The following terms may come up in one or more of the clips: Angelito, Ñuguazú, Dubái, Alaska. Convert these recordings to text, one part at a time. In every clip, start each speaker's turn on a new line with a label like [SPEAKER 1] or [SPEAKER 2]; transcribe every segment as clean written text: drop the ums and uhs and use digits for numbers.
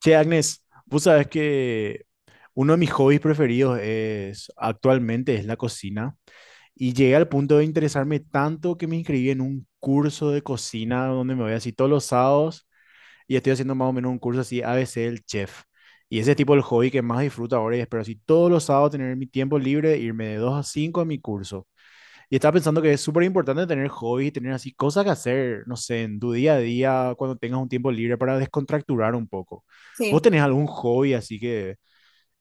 [SPEAKER 1] Che, Agnes, vos sabés que uno de mis hobbies preferidos es actualmente es la cocina y llegué al punto de interesarme tanto que me inscribí en un curso de cocina donde me voy así todos los sábados y estoy haciendo más o menos un curso así a ABC del chef. Y ese es tipo el hobby que más disfruto ahora y espero así todos los sábados tener mi tiempo libre, e irme de 2 a 5 a mi curso. Y estaba pensando que es súper importante tener hobbies, tener así cosas que hacer, no sé, en tu día a día, cuando tengas un tiempo libre para descontracturar un poco.
[SPEAKER 2] Sí,
[SPEAKER 1] ¿Vos tenés algún hobby así que,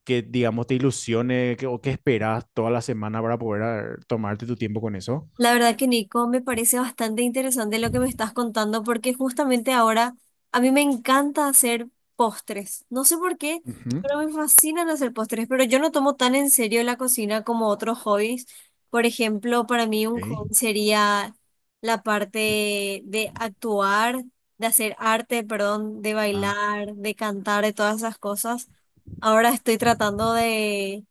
[SPEAKER 1] que digamos, te ilusione que- o que esperás toda la semana para poder tomarte tu tiempo con eso?
[SPEAKER 2] la verdad que Nico, me parece bastante interesante lo que me estás contando porque justamente ahora a mí me encanta hacer postres. No sé por qué,
[SPEAKER 1] Ujú.
[SPEAKER 2] pero me fascinan hacer postres, pero yo no tomo tan en serio la cocina como otros hobbies. Por ejemplo, para mí un
[SPEAKER 1] Ok.
[SPEAKER 2] hobby sería la parte de actuar, de hacer arte, perdón, de
[SPEAKER 1] Ah,
[SPEAKER 2] bailar, de cantar, de todas esas cosas. Ahora estoy tratando de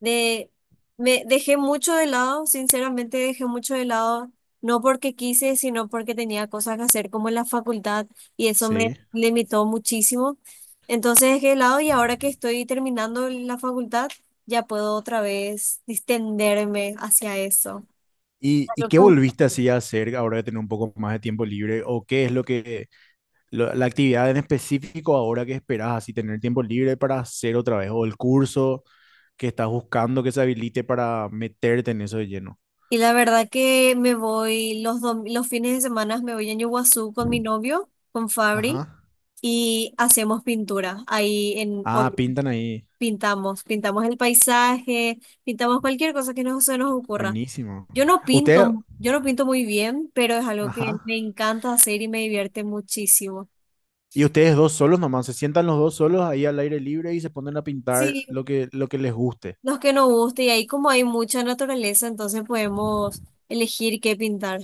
[SPEAKER 2] De, me dejé mucho de lado, sinceramente dejé mucho de lado, no porque quise, sino porque tenía cosas que hacer como en la facultad y eso me
[SPEAKER 1] sí.
[SPEAKER 2] limitó muchísimo. Entonces dejé de lado y ahora que estoy terminando la facultad, ya puedo otra vez distenderme hacia eso.
[SPEAKER 1] ¿Y
[SPEAKER 2] Claro.
[SPEAKER 1] qué volviste así a hacer ahora de tener un poco más de tiempo libre? ¿O qué es la actividad en específico ahora que esperás así tener tiempo libre para hacer otra vez? ¿O el curso que estás buscando que se habilite para meterte en eso de lleno?
[SPEAKER 2] Y la verdad que me voy los fines de semana, me voy a Ñuguazú con mi novio, con Fabri,
[SPEAKER 1] Ajá.
[SPEAKER 2] y hacemos pintura ahí en...
[SPEAKER 1] Ah, pintan ahí.
[SPEAKER 2] Pintamos, pintamos el paisaje, pintamos cualquier cosa que se nos ocurra.
[SPEAKER 1] Buenísimo. Usted,
[SPEAKER 2] Yo no pinto muy bien, pero es algo que me
[SPEAKER 1] ajá,
[SPEAKER 2] encanta hacer y me divierte muchísimo.
[SPEAKER 1] y ustedes dos solos nomás, se sientan los dos solos ahí al aire libre y se ponen a pintar
[SPEAKER 2] Sí,
[SPEAKER 1] lo que les guste.
[SPEAKER 2] los que nos guste, y ahí como hay mucha naturaleza, entonces podemos elegir qué pintar.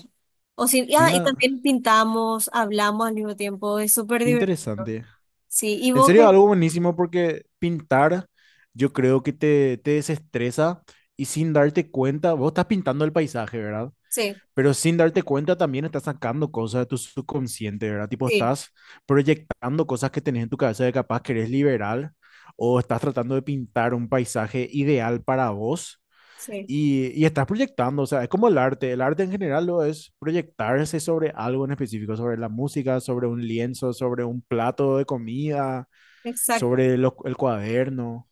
[SPEAKER 2] O si, y
[SPEAKER 1] Mira,
[SPEAKER 2] también pintamos, hablamos al mismo tiempo, es súper
[SPEAKER 1] qué
[SPEAKER 2] divertido.
[SPEAKER 1] interesante.
[SPEAKER 2] Sí,
[SPEAKER 1] En serio, algo buenísimo porque pintar yo creo que te desestresa y sin darte cuenta, vos estás pintando el paisaje, ¿verdad?
[SPEAKER 2] sí,
[SPEAKER 1] Pero sin darte cuenta también estás sacando cosas de tu subconsciente, ¿verdad? Tipo,
[SPEAKER 2] sí,
[SPEAKER 1] estás proyectando cosas que tenés en tu cabeza de capaz que eres liberal o estás tratando de pintar un paisaje ideal para vos
[SPEAKER 2] sí,
[SPEAKER 1] y estás proyectando, o sea, es como el arte en general lo es proyectarse sobre algo en específico, sobre la música, sobre un lienzo, sobre un plato de comida,
[SPEAKER 2] exacto.
[SPEAKER 1] sobre el cuaderno.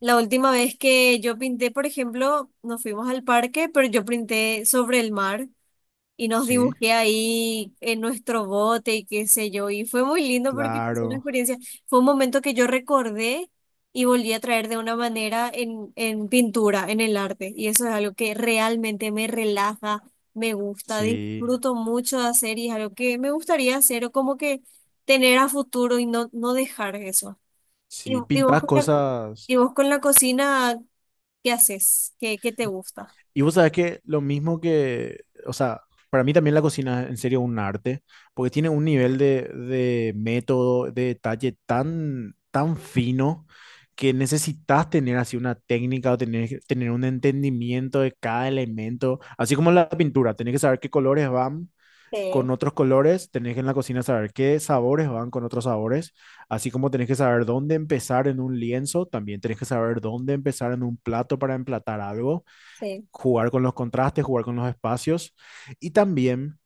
[SPEAKER 2] La última vez que yo pinté, por ejemplo, nos fuimos al parque, pero yo pinté sobre el mar y nos
[SPEAKER 1] ¿Sí?
[SPEAKER 2] dibujé ahí en nuestro bote y qué sé yo. Y fue muy lindo porque fue una
[SPEAKER 1] Claro,
[SPEAKER 2] experiencia, fue un momento que yo recordé y volví a traer de una manera en pintura, en el arte. Y eso es algo que realmente me relaja, me gusta,
[SPEAKER 1] sí,
[SPEAKER 2] disfruto mucho de hacer y es algo que me gustaría hacer o como que tener a futuro y no, no dejar eso. ¿Y,
[SPEAKER 1] sí,
[SPEAKER 2] y vos
[SPEAKER 1] pintas
[SPEAKER 2] con
[SPEAKER 1] cosas.
[SPEAKER 2] la cocina, qué haces? ¿Qué, qué te gusta?
[SPEAKER 1] Y vos sabés que lo mismo que, o sea, para mí también la cocina es en serio un arte, porque tiene un nivel de método, de detalle tan, tan fino que necesitas tener así una técnica o tener un entendimiento de cada elemento, así como la pintura, tenés que saber qué colores van con
[SPEAKER 2] Sí,
[SPEAKER 1] otros colores, tenés que en la cocina saber qué sabores van con otros sabores, así como tenés que saber dónde empezar en un lienzo, también tenés que saber dónde empezar en un plato para emplatar algo,
[SPEAKER 2] sí,
[SPEAKER 1] jugar con los contrastes, jugar con los espacios y también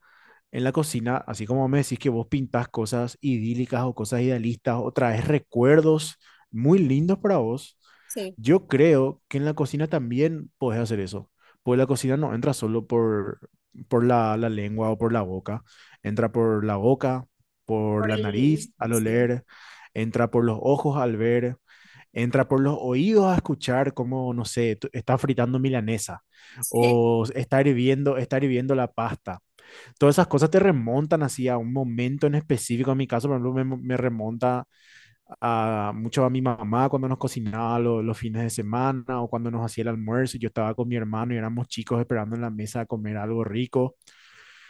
[SPEAKER 1] en la cocina, así como me decís que vos pintás cosas idílicas o cosas idealistas o traes recuerdos muy lindos para vos,
[SPEAKER 2] sí.
[SPEAKER 1] yo creo que en la cocina también podés hacer eso. Pues la cocina no entra solo por la, la lengua o por la boca, entra por la boca, por
[SPEAKER 2] Por
[SPEAKER 1] la nariz
[SPEAKER 2] el...
[SPEAKER 1] al
[SPEAKER 2] Sí,
[SPEAKER 1] oler, entra por los ojos al ver, entra por los oídos a escuchar cómo no sé, está fritando milanesa
[SPEAKER 2] sí,
[SPEAKER 1] o está hirviendo la pasta, todas esas cosas te remontan así a un momento en específico. En mi caso, por ejemplo, me remonta a, mucho a mi mamá cuando nos cocinaba los fines de semana o cuando nos hacía el almuerzo y yo estaba con mi hermano y éramos chicos esperando en la mesa a comer algo rico.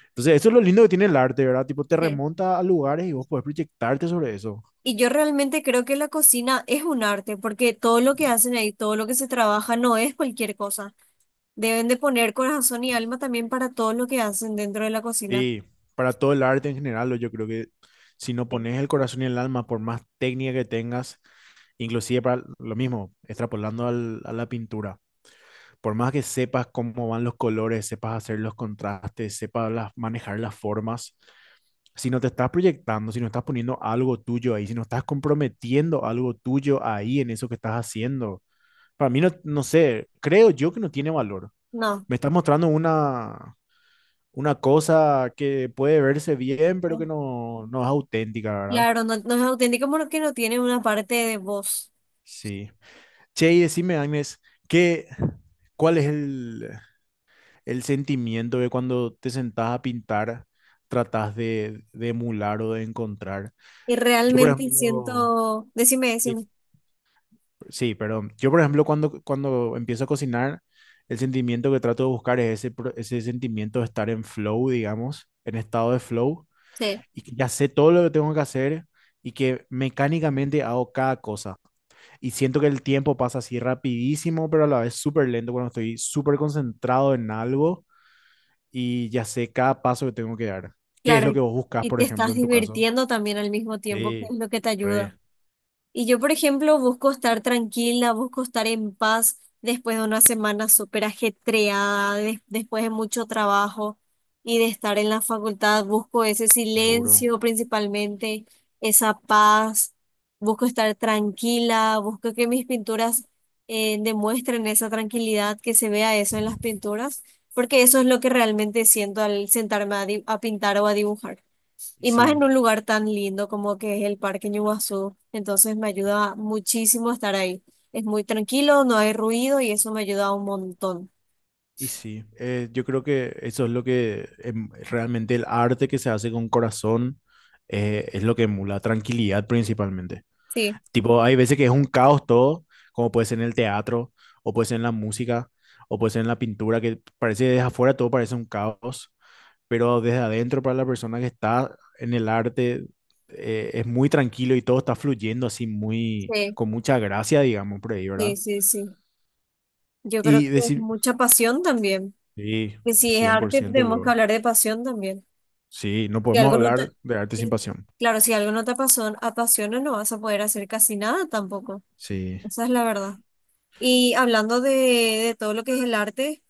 [SPEAKER 1] Entonces, eso es lo lindo que tiene el arte, ¿verdad? Tipo, te
[SPEAKER 2] sí.
[SPEAKER 1] remonta a lugares y vos podés proyectarte sobre eso.
[SPEAKER 2] Y yo realmente creo que la cocina es un arte, porque todo lo que hacen ahí, todo lo que se trabaja, no es cualquier cosa. Deben de poner corazón y alma también para todo lo que hacen dentro de la cocina.
[SPEAKER 1] Sí, para todo el arte en general, yo creo que si no
[SPEAKER 2] Sí.
[SPEAKER 1] pones el corazón y el alma, por más técnica que tengas, inclusive para lo mismo, extrapolando a la pintura, por más que sepas cómo van los colores, sepas hacer los contrastes, sepas manejar las formas, si no te estás proyectando, si no estás poniendo algo tuyo ahí, si no estás comprometiendo algo tuyo ahí en eso que estás haciendo, para mí no, no sé, creo yo que no tiene valor.
[SPEAKER 2] No,
[SPEAKER 1] Me estás mostrando una cosa que puede verse bien, pero que no, no es auténtica, ¿verdad?
[SPEAKER 2] claro, no, no es auténtico porque no tiene una parte de voz.
[SPEAKER 1] Sí. Che, y decime, Agnes, ¿qué, cuál es el sentimiento de cuando te sentás a pintar, tratás de emular o de encontrar?
[SPEAKER 2] Y
[SPEAKER 1] Yo, por
[SPEAKER 2] realmente
[SPEAKER 1] ejemplo,
[SPEAKER 2] siento... Decime,
[SPEAKER 1] sí,
[SPEAKER 2] decime.
[SPEAKER 1] sí, perdón. Yo, por ejemplo, cuando, cuando empiezo a cocinar, el sentimiento que trato de buscar es ese, ese sentimiento de estar en flow, digamos, en estado de flow,
[SPEAKER 2] Sí.
[SPEAKER 1] y que ya sé todo lo que tengo que hacer y que mecánicamente hago cada cosa. Y siento que el tiempo pasa así rapidísimo, pero a la vez súper lento cuando estoy súper concentrado en algo y ya sé cada paso que tengo que dar. ¿Qué es
[SPEAKER 2] Claro,
[SPEAKER 1] lo que
[SPEAKER 2] y
[SPEAKER 1] vos buscas,
[SPEAKER 2] y
[SPEAKER 1] por
[SPEAKER 2] te
[SPEAKER 1] ejemplo,
[SPEAKER 2] estás
[SPEAKER 1] en tu caso?
[SPEAKER 2] divirtiendo también al mismo tiempo, que es
[SPEAKER 1] Sí,
[SPEAKER 2] lo que te ayuda.
[SPEAKER 1] re,
[SPEAKER 2] Y yo, por ejemplo, busco estar tranquila, busco estar en paz después de una semana súper ajetreada, después de mucho trabajo y de estar en la facultad, busco ese
[SPEAKER 1] seguro.
[SPEAKER 2] silencio principalmente, esa paz, busco estar tranquila, busco que mis pinturas demuestren esa tranquilidad, que se vea eso en las pinturas, porque eso es lo que realmente siento al sentarme a a pintar o a dibujar.
[SPEAKER 1] Y
[SPEAKER 2] Y más
[SPEAKER 1] sí,
[SPEAKER 2] en un lugar tan lindo como que es el Parque Ñuazú. Entonces me ayuda muchísimo estar ahí. Es muy tranquilo, no hay ruido y eso me ayuda un montón.
[SPEAKER 1] y sí. Yo creo que eso es lo que realmente el arte que se hace con corazón es lo que emula tranquilidad principalmente.
[SPEAKER 2] Sí,
[SPEAKER 1] Tipo, hay veces que es un caos todo, como puede ser en el teatro, o puede ser en la música, o puede ser en la pintura, que parece desde afuera todo parece un caos, pero desde adentro para la persona que está en el arte es muy tranquilo y todo está fluyendo así muy,
[SPEAKER 2] sí,
[SPEAKER 1] con mucha gracia, digamos, por ahí, ¿verdad?
[SPEAKER 2] sí, sí, sí. Yo creo que
[SPEAKER 1] Y
[SPEAKER 2] es
[SPEAKER 1] decir,
[SPEAKER 2] mucha pasión también.
[SPEAKER 1] sí,
[SPEAKER 2] Que si es
[SPEAKER 1] cien por
[SPEAKER 2] arte,
[SPEAKER 1] ciento
[SPEAKER 2] tenemos que
[SPEAKER 1] luego.
[SPEAKER 2] hablar de pasión también.
[SPEAKER 1] Sí, no
[SPEAKER 2] Si
[SPEAKER 1] podemos
[SPEAKER 2] algo no te...
[SPEAKER 1] hablar de arte sin
[SPEAKER 2] sí,
[SPEAKER 1] pasión.
[SPEAKER 2] claro, si algo no te apasiona, no vas a poder hacer casi nada tampoco.
[SPEAKER 1] Sí.
[SPEAKER 2] Esa es la verdad. Y hablando de todo lo que es el arte,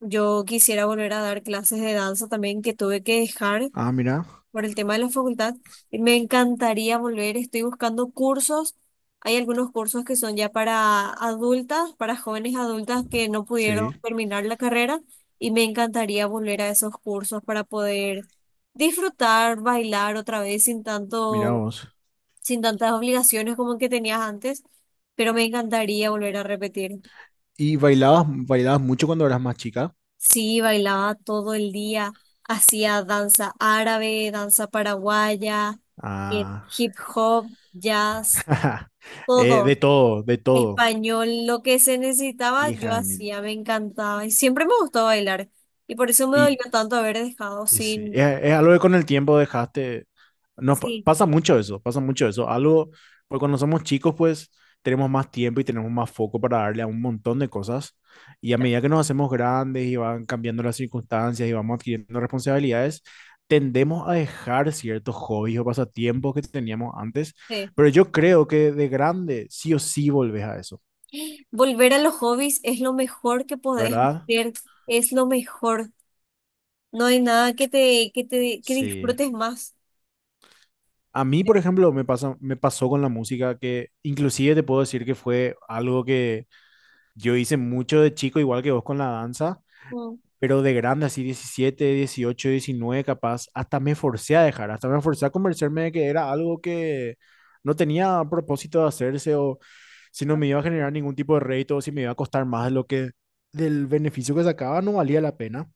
[SPEAKER 2] yo quisiera volver a dar clases de danza también que tuve que dejar
[SPEAKER 1] Ah, mira,
[SPEAKER 2] por el tema de la facultad. Y me encantaría volver, estoy buscando cursos. Hay algunos cursos que son ya para adultas, para jóvenes adultas que no pudieron
[SPEAKER 1] sí,
[SPEAKER 2] terminar la carrera y me encantaría volver a esos cursos para poder disfrutar, bailar otra vez sin
[SPEAKER 1] mira
[SPEAKER 2] tanto,
[SPEAKER 1] vos.
[SPEAKER 2] sin tantas obligaciones como que tenías antes, pero me encantaría volver a repetir.
[SPEAKER 1] ¿Y bailabas mucho cuando eras más chica?
[SPEAKER 2] Sí, bailaba todo el día, hacía danza árabe, danza paraguaya,
[SPEAKER 1] Ah,
[SPEAKER 2] hip hop, jazz, todo.
[SPEAKER 1] de todo,
[SPEAKER 2] Español, lo que se necesitaba, yo
[SPEAKER 1] hija de mil.
[SPEAKER 2] hacía, me encantaba. Y siempre me gustó bailar. Y por eso me
[SPEAKER 1] y
[SPEAKER 2] dolió tanto haber dejado
[SPEAKER 1] Y sí,
[SPEAKER 2] sin...
[SPEAKER 1] es algo que con el tiempo dejaste, nos
[SPEAKER 2] Sí,
[SPEAKER 1] pasa mucho eso, algo, porque cuando somos chicos pues tenemos más tiempo y tenemos más foco para darle a un montón de cosas y a medida que nos hacemos grandes y van cambiando las circunstancias y vamos adquiriendo responsabilidades, tendemos a dejar ciertos hobbies o pasatiempos que teníamos antes,
[SPEAKER 2] sí.
[SPEAKER 1] pero yo creo que de grande sí o sí volvés a eso,
[SPEAKER 2] Volver a los hobbies es lo mejor que podés
[SPEAKER 1] ¿verdad?
[SPEAKER 2] hacer, es lo mejor. No hay nada que
[SPEAKER 1] Sí.
[SPEAKER 2] disfrutes más.
[SPEAKER 1] A mí, por ejemplo, me pasa, me pasó con la música, que inclusive te puedo decir que fue algo que yo hice mucho de chico, igual que vos con la danza,
[SPEAKER 2] Mm.
[SPEAKER 1] pero de grande, así 17, 18, 19 capaz, hasta me forcé a dejar, hasta me forcé a convencerme de que era algo que no tenía propósito de hacerse o si no me iba a generar ningún tipo de rédito o si me iba a costar más de lo que del beneficio que sacaba no valía la pena.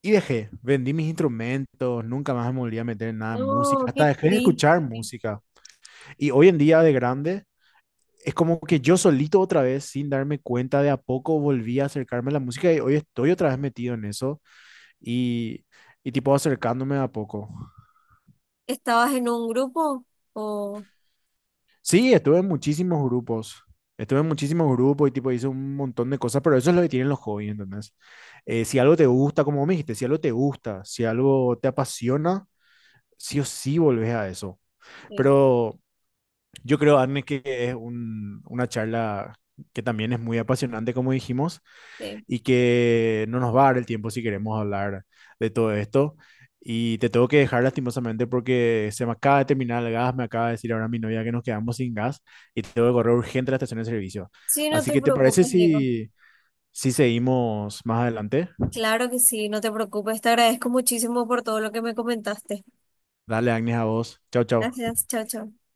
[SPEAKER 1] Y dejé, vendí mis instrumentos, nunca más me volví a meter en nada en música,
[SPEAKER 2] No, qué
[SPEAKER 1] hasta dejé de escuchar
[SPEAKER 2] triste.
[SPEAKER 1] música. Y hoy en día de grande, es como que yo solito otra vez, sin darme cuenta, de a poco volví a acercarme a la música y hoy estoy otra vez metido en eso y, y tipo acercándome de a poco.
[SPEAKER 2] ¿Estabas en un grupo? O
[SPEAKER 1] Sí, estuve en muchísimos grupos. Estuve en muchísimos grupos y tipo hice un montón de cosas, pero eso es lo que tienen los hobbies, ¿entendés? Si algo te gusta, como me dijiste, si algo te gusta, si algo te apasiona, sí o sí volvés a eso.
[SPEAKER 2] sí,
[SPEAKER 1] Pero yo creo, Arne, que es una charla que también es muy apasionante, como dijimos,
[SPEAKER 2] sí.
[SPEAKER 1] y que no nos va a dar el tiempo si queremos hablar de todo esto. Y te tengo que dejar lastimosamente porque se me acaba de terminar el gas, me acaba de decir ahora mi novia que nos quedamos sin gas y tengo que correr urgente a la estación de servicio.
[SPEAKER 2] Sí, no
[SPEAKER 1] Así
[SPEAKER 2] te
[SPEAKER 1] que, ¿te parece
[SPEAKER 2] preocupes, Diego.
[SPEAKER 1] si seguimos más adelante?
[SPEAKER 2] Claro que sí, no te preocupes, te agradezco muchísimo por todo lo que me comentaste.
[SPEAKER 1] Dale, Agnes, a vos. Chao, chao.
[SPEAKER 2] Gracias, chao, chao.